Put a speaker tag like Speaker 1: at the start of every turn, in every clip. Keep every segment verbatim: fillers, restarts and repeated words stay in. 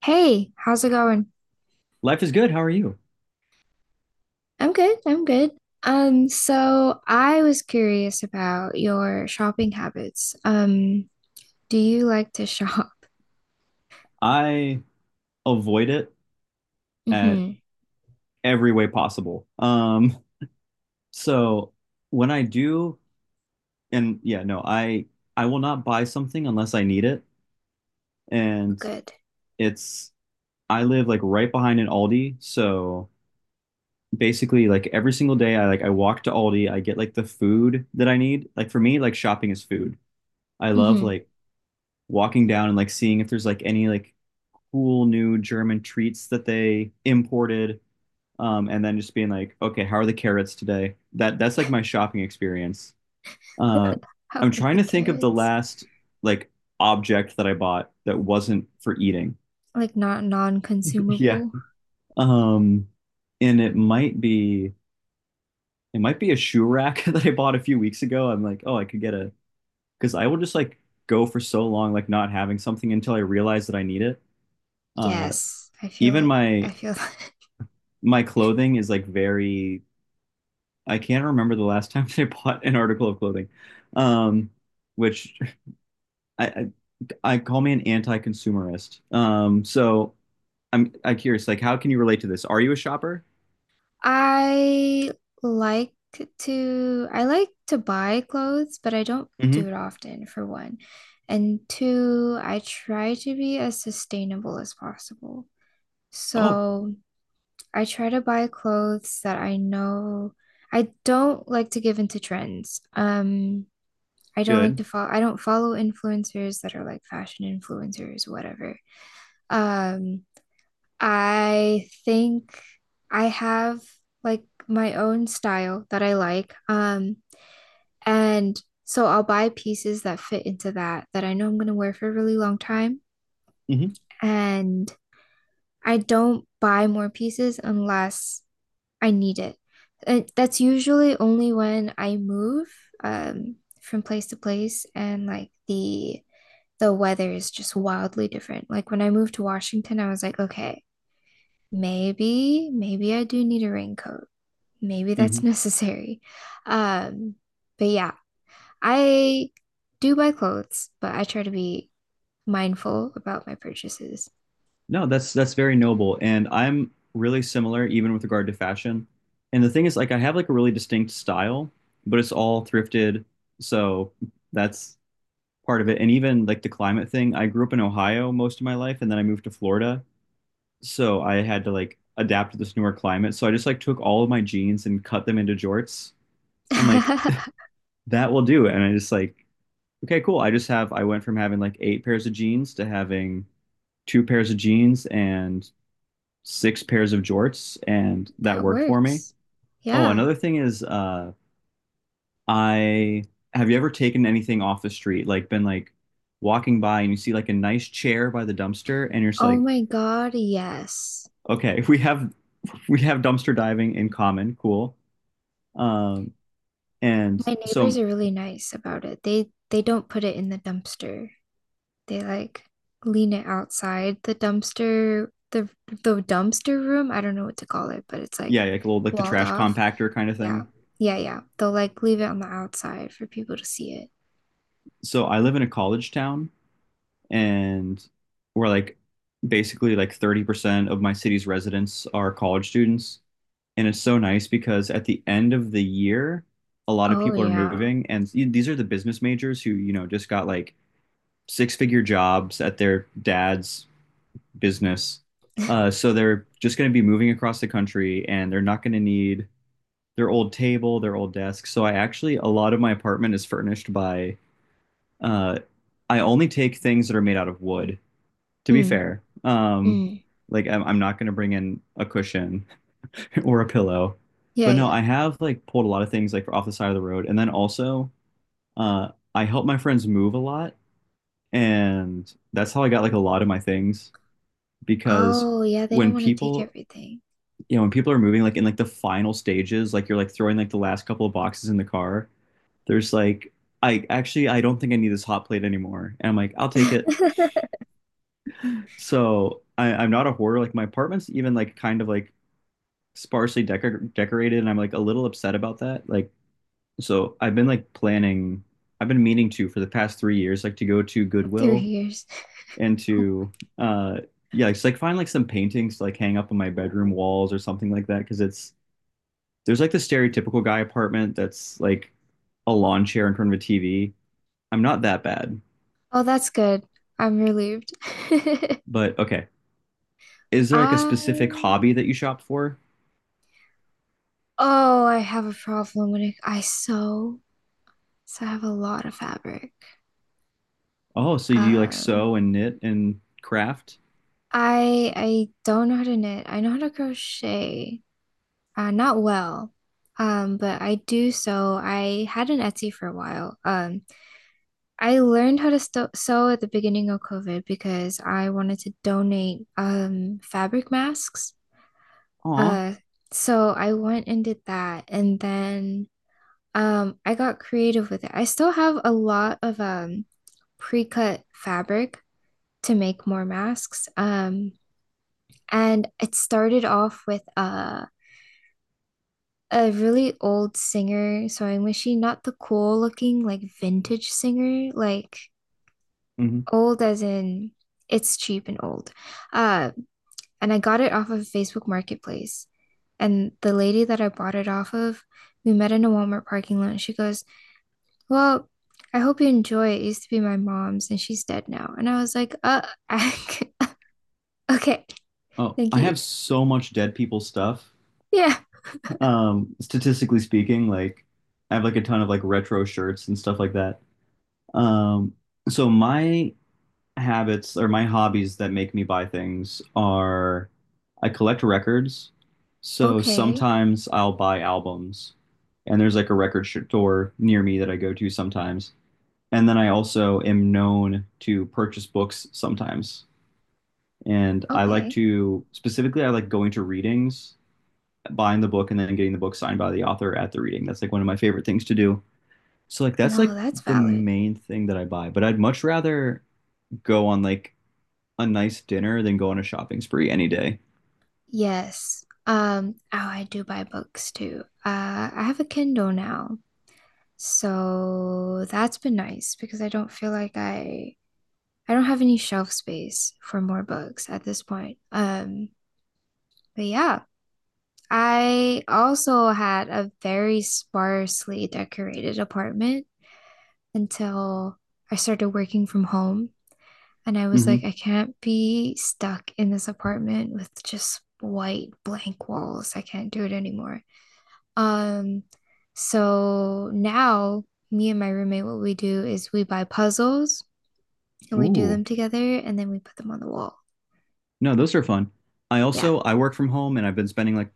Speaker 1: Hey, how's it going?
Speaker 2: Life is good. How are you?
Speaker 1: I'm good. I'm good. Um, so I was curious about your shopping habits. Um, do you like to shop?
Speaker 2: I avoid it at
Speaker 1: Mm-hmm.
Speaker 2: every way possible. Um, so when I do, and yeah, no, I I will not buy something unless I need it. And
Speaker 1: Good.
Speaker 2: it's I live like right behind an Aldi, so basically like every single day I like I walk to Aldi, I get like the food that I need. Like for me, like shopping is food. I love
Speaker 1: Mm-hmm.
Speaker 2: like walking down and like seeing if there's like any like cool new German treats that they imported, um, and then just being like, okay, how are the carrots today? That that's like my shopping experience. Uh,
Speaker 1: How are
Speaker 2: I'm trying
Speaker 1: the
Speaker 2: to think of the
Speaker 1: carrots?
Speaker 2: last like object that I bought that wasn't for eating.
Speaker 1: Like not
Speaker 2: Yeah,
Speaker 1: non-consumable?
Speaker 2: um, and it might be it might be a shoe rack that I bought a few weeks ago. I'm like, oh, I could get a because I will just like go for so long like not having something until I realize that I need it. Uh,
Speaker 1: Yes, I feel
Speaker 2: Even
Speaker 1: like I
Speaker 2: my
Speaker 1: feel
Speaker 2: my clothing is like very I can't remember the last time they bought an article of clothing, um, which I, I I call me an anti-consumerist. Um, so I'm I'm curious, like, how can you relate to this? Are you a shopper?
Speaker 1: I like to I like to buy clothes, but I don't do
Speaker 2: Hmm.
Speaker 1: it often for one. And two, I try to be as sustainable as possible.
Speaker 2: Oh,
Speaker 1: So I try to buy clothes that I know I don't like to give into trends. Um, I don't like
Speaker 2: good.
Speaker 1: to follow I don't follow influencers that are like fashion influencers, whatever. Um, I think I have like my own style that I like. Um, and so I'll buy pieces that fit into that that I know I'm gonna wear for a really long time.
Speaker 2: Hmm.
Speaker 1: And I don't buy more pieces unless I need it. And that's usually only when I move um from place to place and like the the weather is just wildly different. Like when I moved to Washington, I was like, okay. Maybe, maybe I do need a raincoat. Maybe that's
Speaker 2: Hmm.
Speaker 1: necessary. Um, but yeah, I do buy clothes, but I try to be mindful about my purchases.
Speaker 2: No, that's that's very noble, and I'm really similar, even with regard to fashion. And the thing is, like, I have like a really distinct style, but it's all thrifted, so that's part of it. And even like the climate thing, I grew up in Ohio most of my life, and then I moved to Florida. So I had to like adapt to this newer climate. So I just like took all of my jeans and cut them into jorts. I'm like, that will do. And I just like, okay, cool. I just have I went from having like eight pairs of jeans to having two pairs of jeans and six pairs of jorts, and that
Speaker 1: That
Speaker 2: worked for me.
Speaker 1: works.
Speaker 2: Oh,
Speaker 1: Yeah.
Speaker 2: another thing is uh I have you ever taken anything off the street? Like been like walking by and you see like a nice chair by the dumpster and you're just
Speaker 1: Oh
Speaker 2: like,
Speaker 1: my God, yes.
Speaker 2: okay, we have we have dumpster diving in common, cool. Um, and
Speaker 1: My neighbors
Speaker 2: so
Speaker 1: are really nice about it. They they don't put it in the dumpster. They like lean it outside the dumpster, the the dumpster room. I don't know what to call it, but it's like
Speaker 2: yeah, like a little like the
Speaker 1: walled
Speaker 2: trash
Speaker 1: off.
Speaker 2: compactor kind of
Speaker 1: Yeah.
Speaker 2: thing.
Speaker 1: Yeah, yeah. They'll like leave it on the outside for people to see it.
Speaker 2: So I live in a college town and we're like basically like thirty percent of my city's residents are college students. And it's so nice because at the end of the year, a lot of
Speaker 1: Oh,
Speaker 2: people are
Speaker 1: yeah.
Speaker 2: moving and these are the business majors who, you know, just got like six figure jobs at their dad's business. Uh, so they're just going to be moving across the country and they're not going to need their old table, their old desk. So I actually a lot of my apartment is furnished by uh I only take things that are made out of wood, to be
Speaker 1: Mm,
Speaker 2: fair. Um,
Speaker 1: mm.
Speaker 2: like I'm, I'm not going to bring in a cushion or a pillow.
Speaker 1: Yeah,
Speaker 2: But no,
Speaker 1: yeah.
Speaker 2: I have like pulled a lot of things like off the side of the road and then also uh I help my friends move a lot and that's how I got like a lot of my things because
Speaker 1: Oh, yeah, they don't
Speaker 2: when
Speaker 1: want to take
Speaker 2: people
Speaker 1: everything
Speaker 2: you know when people are moving like in like the final stages like you're like throwing like the last couple of boxes in the car there's like I actually I don't think I need this hot plate anymore. And I'm like, I'll take it. So I, I'm not a hoarder. Like my apartment's even like kind of like sparsely decor decorated, and I'm like a little upset about that. Like so I've been like planning I've been meaning to for the past three years, like to go to
Speaker 1: through
Speaker 2: Goodwill
Speaker 1: years.
Speaker 2: and to uh yeah, it's like find like some paintings to like hang up on my bedroom walls or something like that. Cause it's there's like the stereotypical guy apartment that's like a lawn chair in front of a T V. I'm not that bad,
Speaker 1: Oh, that's good. I'm relieved.
Speaker 2: but okay. Is there like a specific
Speaker 1: Um,
Speaker 2: hobby that you shop for?
Speaker 1: oh, I have a problem when it, I sew. So I have a lot of fabric.
Speaker 2: Oh, so you like
Speaker 1: Um,
Speaker 2: sew and knit and craft?
Speaker 1: I I don't know how to knit. I know how to crochet. Uh, not well. Um, but I do sew. I had an Etsy for a while. Um, I learned how to sto sew at the beginning of COVID because I wanted to donate um fabric masks.
Speaker 2: Aw.
Speaker 1: Uh, so I went and did that, and then um I got creative with it. I still have a lot of um pre-cut fabric to make more masks. Um, and it started off with uh a really old singer. So I'm wishing not the cool looking, like vintage singer, like
Speaker 2: Hmm.
Speaker 1: old as in it's cheap and old. Uh, and I got it off of Facebook Marketplace. And the lady that I bought it off of, we met in a Walmart parking lot. And she goes, well, I hope you enjoy it. It used to be my mom's and she's dead now. And I was like, uh, okay,
Speaker 2: Oh,
Speaker 1: thank
Speaker 2: I
Speaker 1: you.
Speaker 2: have so much dead people stuff.
Speaker 1: Yeah,
Speaker 2: Um, statistically speaking, like I have like a ton of like retro shirts and stuff like that. Um, so my habits or my hobbies that make me buy things are I collect records. So
Speaker 1: okay,
Speaker 2: sometimes I'll buy albums, and there's like a record store near me that I go to sometimes. And then I also am known to purchase books sometimes. And I like
Speaker 1: okay.
Speaker 2: to specifically, I like going to readings, buying the book, and then getting the book signed by the author at the reading. That's like one of my favorite things to do. So, like, that's
Speaker 1: No,
Speaker 2: like
Speaker 1: that's
Speaker 2: the
Speaker 1: valid.
Speaker 2: main thing that I buy. But I'd much rather go on like a nice dinner than go on a shopping spree any day.
Speaker 1: Yes. Um, oh, I do buy books too. Uh, I have a Kindle now. So that's been nice because I don't feel like I I don't have any shelf space for more books at this point. Um, but yeah, I also had a very sparsely decorated apartment until I started working from home and I was like,
Speaker 2: Hmm.
Speaker 1: I can't be stuck in this apartment with just white blank walls. I can't do it anymore. Um, so now me and my roommate, what we do is we buy puzzles and we do
Speaker 2: Ooh,
Speaker 1: them together and then we put them on the wall.
Speaker 2: no, those are fun. I
Speaker 1: Yeah.
Speaker 2: also I work from home and I've been spending like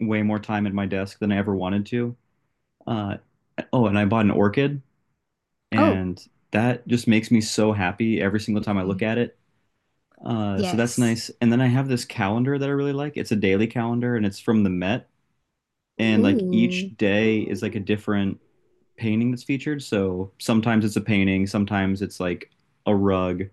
Speaker 2: way more time at my desk than I ever wanted to. Uh, oh, and I bought an orchid
Speaker 1: Oh,
Speaker 2: and that just makes me so happy every single time I look
Speaker 1: mhm.
Speaker 2: at it. Uh, so that's
Speaker 1: Yes.
Speaker 2: nice. And then I have this calendar that I really like. It's a daily calendar, and it's from the Met. And like each
Speaker 1: Ooh.
Speaker 2: day is like a different painting that's featured. So sometimes it's a painting, sometimes it's like a rug,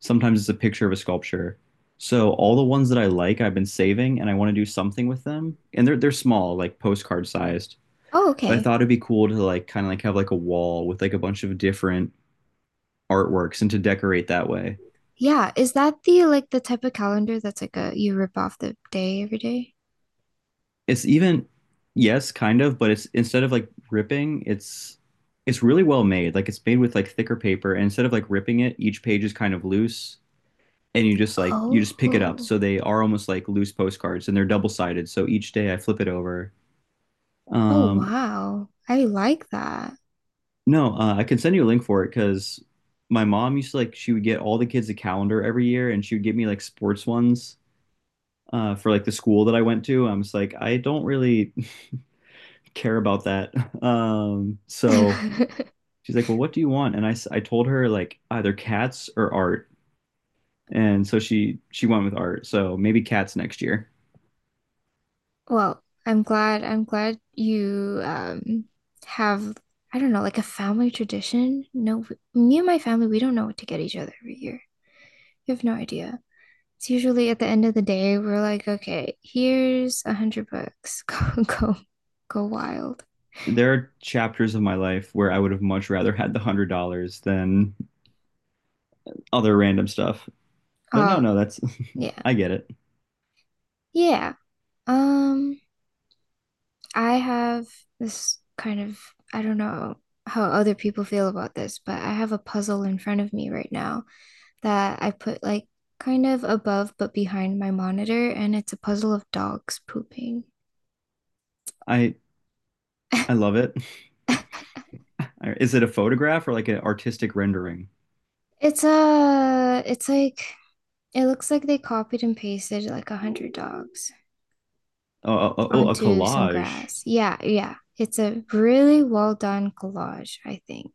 Speaker 2: sometimes it's a picture of a sculpture. So all the ones that I like, I've been saving, and I want to do something with them. And they're they're small, like postcard sized.
Speaker 1: Oh,
Speaker 2: But I
Speaker 1: okay.
Speaker 2: thought it'd be cool to like kind of like have like a wall with like a bunch of different artworks and to decorate that way.
Speaker 1: Yeah. Is that the like the type of calendar that's like a you rip off the day every day?
Speaker 2: It's even yes, kind of, but it's instead of like ripping, it's it's really well made. Like it's made with like thicker paper and instead of like ripping it, each page is kind of loose and you just like you just pick it up.
Speaker 1: Oh.
Speaker 2: So they are almost like loose postcards and they're double-sided. So each day I flip it over.
Speaker 1: Oh,
Speaker 2: Um,
Speaker 1: wow. I like that.
Speaker 2: no, uh, I can send you a link for it cuz my mom used to like she would get all the kids a calendar every year and she would give me like sports ones, uh, for like the school that I went to. I'm just like I don't really care about that. Um, so she's like, well, what do you want? And I, I told her like either cats or art. And so she she went with art. So maybe cats next year.
Speaker 1: Well, I'm glad I'm glad you um have I don't know, like a family tradition. No, w- me and my family, we don't know what to get each other every year. You have no idea. It's usually at the end of the day, we're like, okay, here's a hundred bucks. Go go go wild.
Speaker 2: There are chapters of my life where I would have much rather had the hundred dollars than other random stuff. But no,
Speaker 1: Oh,
Speaker 2: no, that's
Speaker 1: yeah.
Speaker 2: I get it.
Speaker 1: Yeah. Um, I have this kind of I don't know how other people feel about this, but I have a puzzle in front of me right now that I put like kind of above but behind my monitor, and it's a puzzle of dogs pooping.
Speaker 2: I I love it. Is it a photograph or like an artistic rendering?
Speaker 1: It's a it's like it looks like they copied and pasted like a hundred dogs
Speaker 2: Oh, oh, oh, oh, a
Speaker 1: onto some
Speaker 2: collage.
Speaker 1: grass. Yeah, yeah. It's a really well done collage, I think.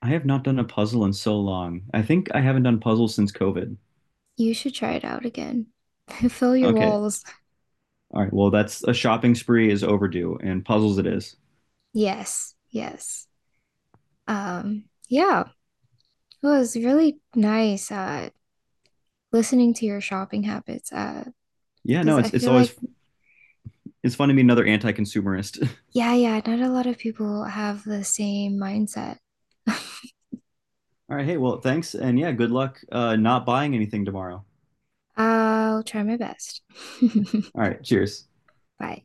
Speaker 2: I have not done a puzzle in so long. I think I haven't done puzzles since COVID.
Speaker 1: You should try it out again. Fill your
Speaker 2: Okay,
Speaker 1: walls.
Speaker 2: all right. Well, that's a shopping spree is overdue, and puzzles it is.
Speaker 1: Yes, yes. Um, yeah, it was really nice uh listening to your shopping habits uh
Speaker 2: Yeah,
Speaker 1: because
Speaker 2: no,
Speaker 1: I
Speaker 2: it's it's
Speaker 1: feel like
Speaker 2: always it's fun to meet another anti-consumerist.
Speaker 1: yeah, yeah, not a lot of people have the same mindset.
Speaker 2: All right, hey, well, thanks, and yeah, good luck, uh, not buying anything tomorrow.
Speaker 1: I'll try my best.
Speaker 2: All right, cheers.
Speaker 1: Bye.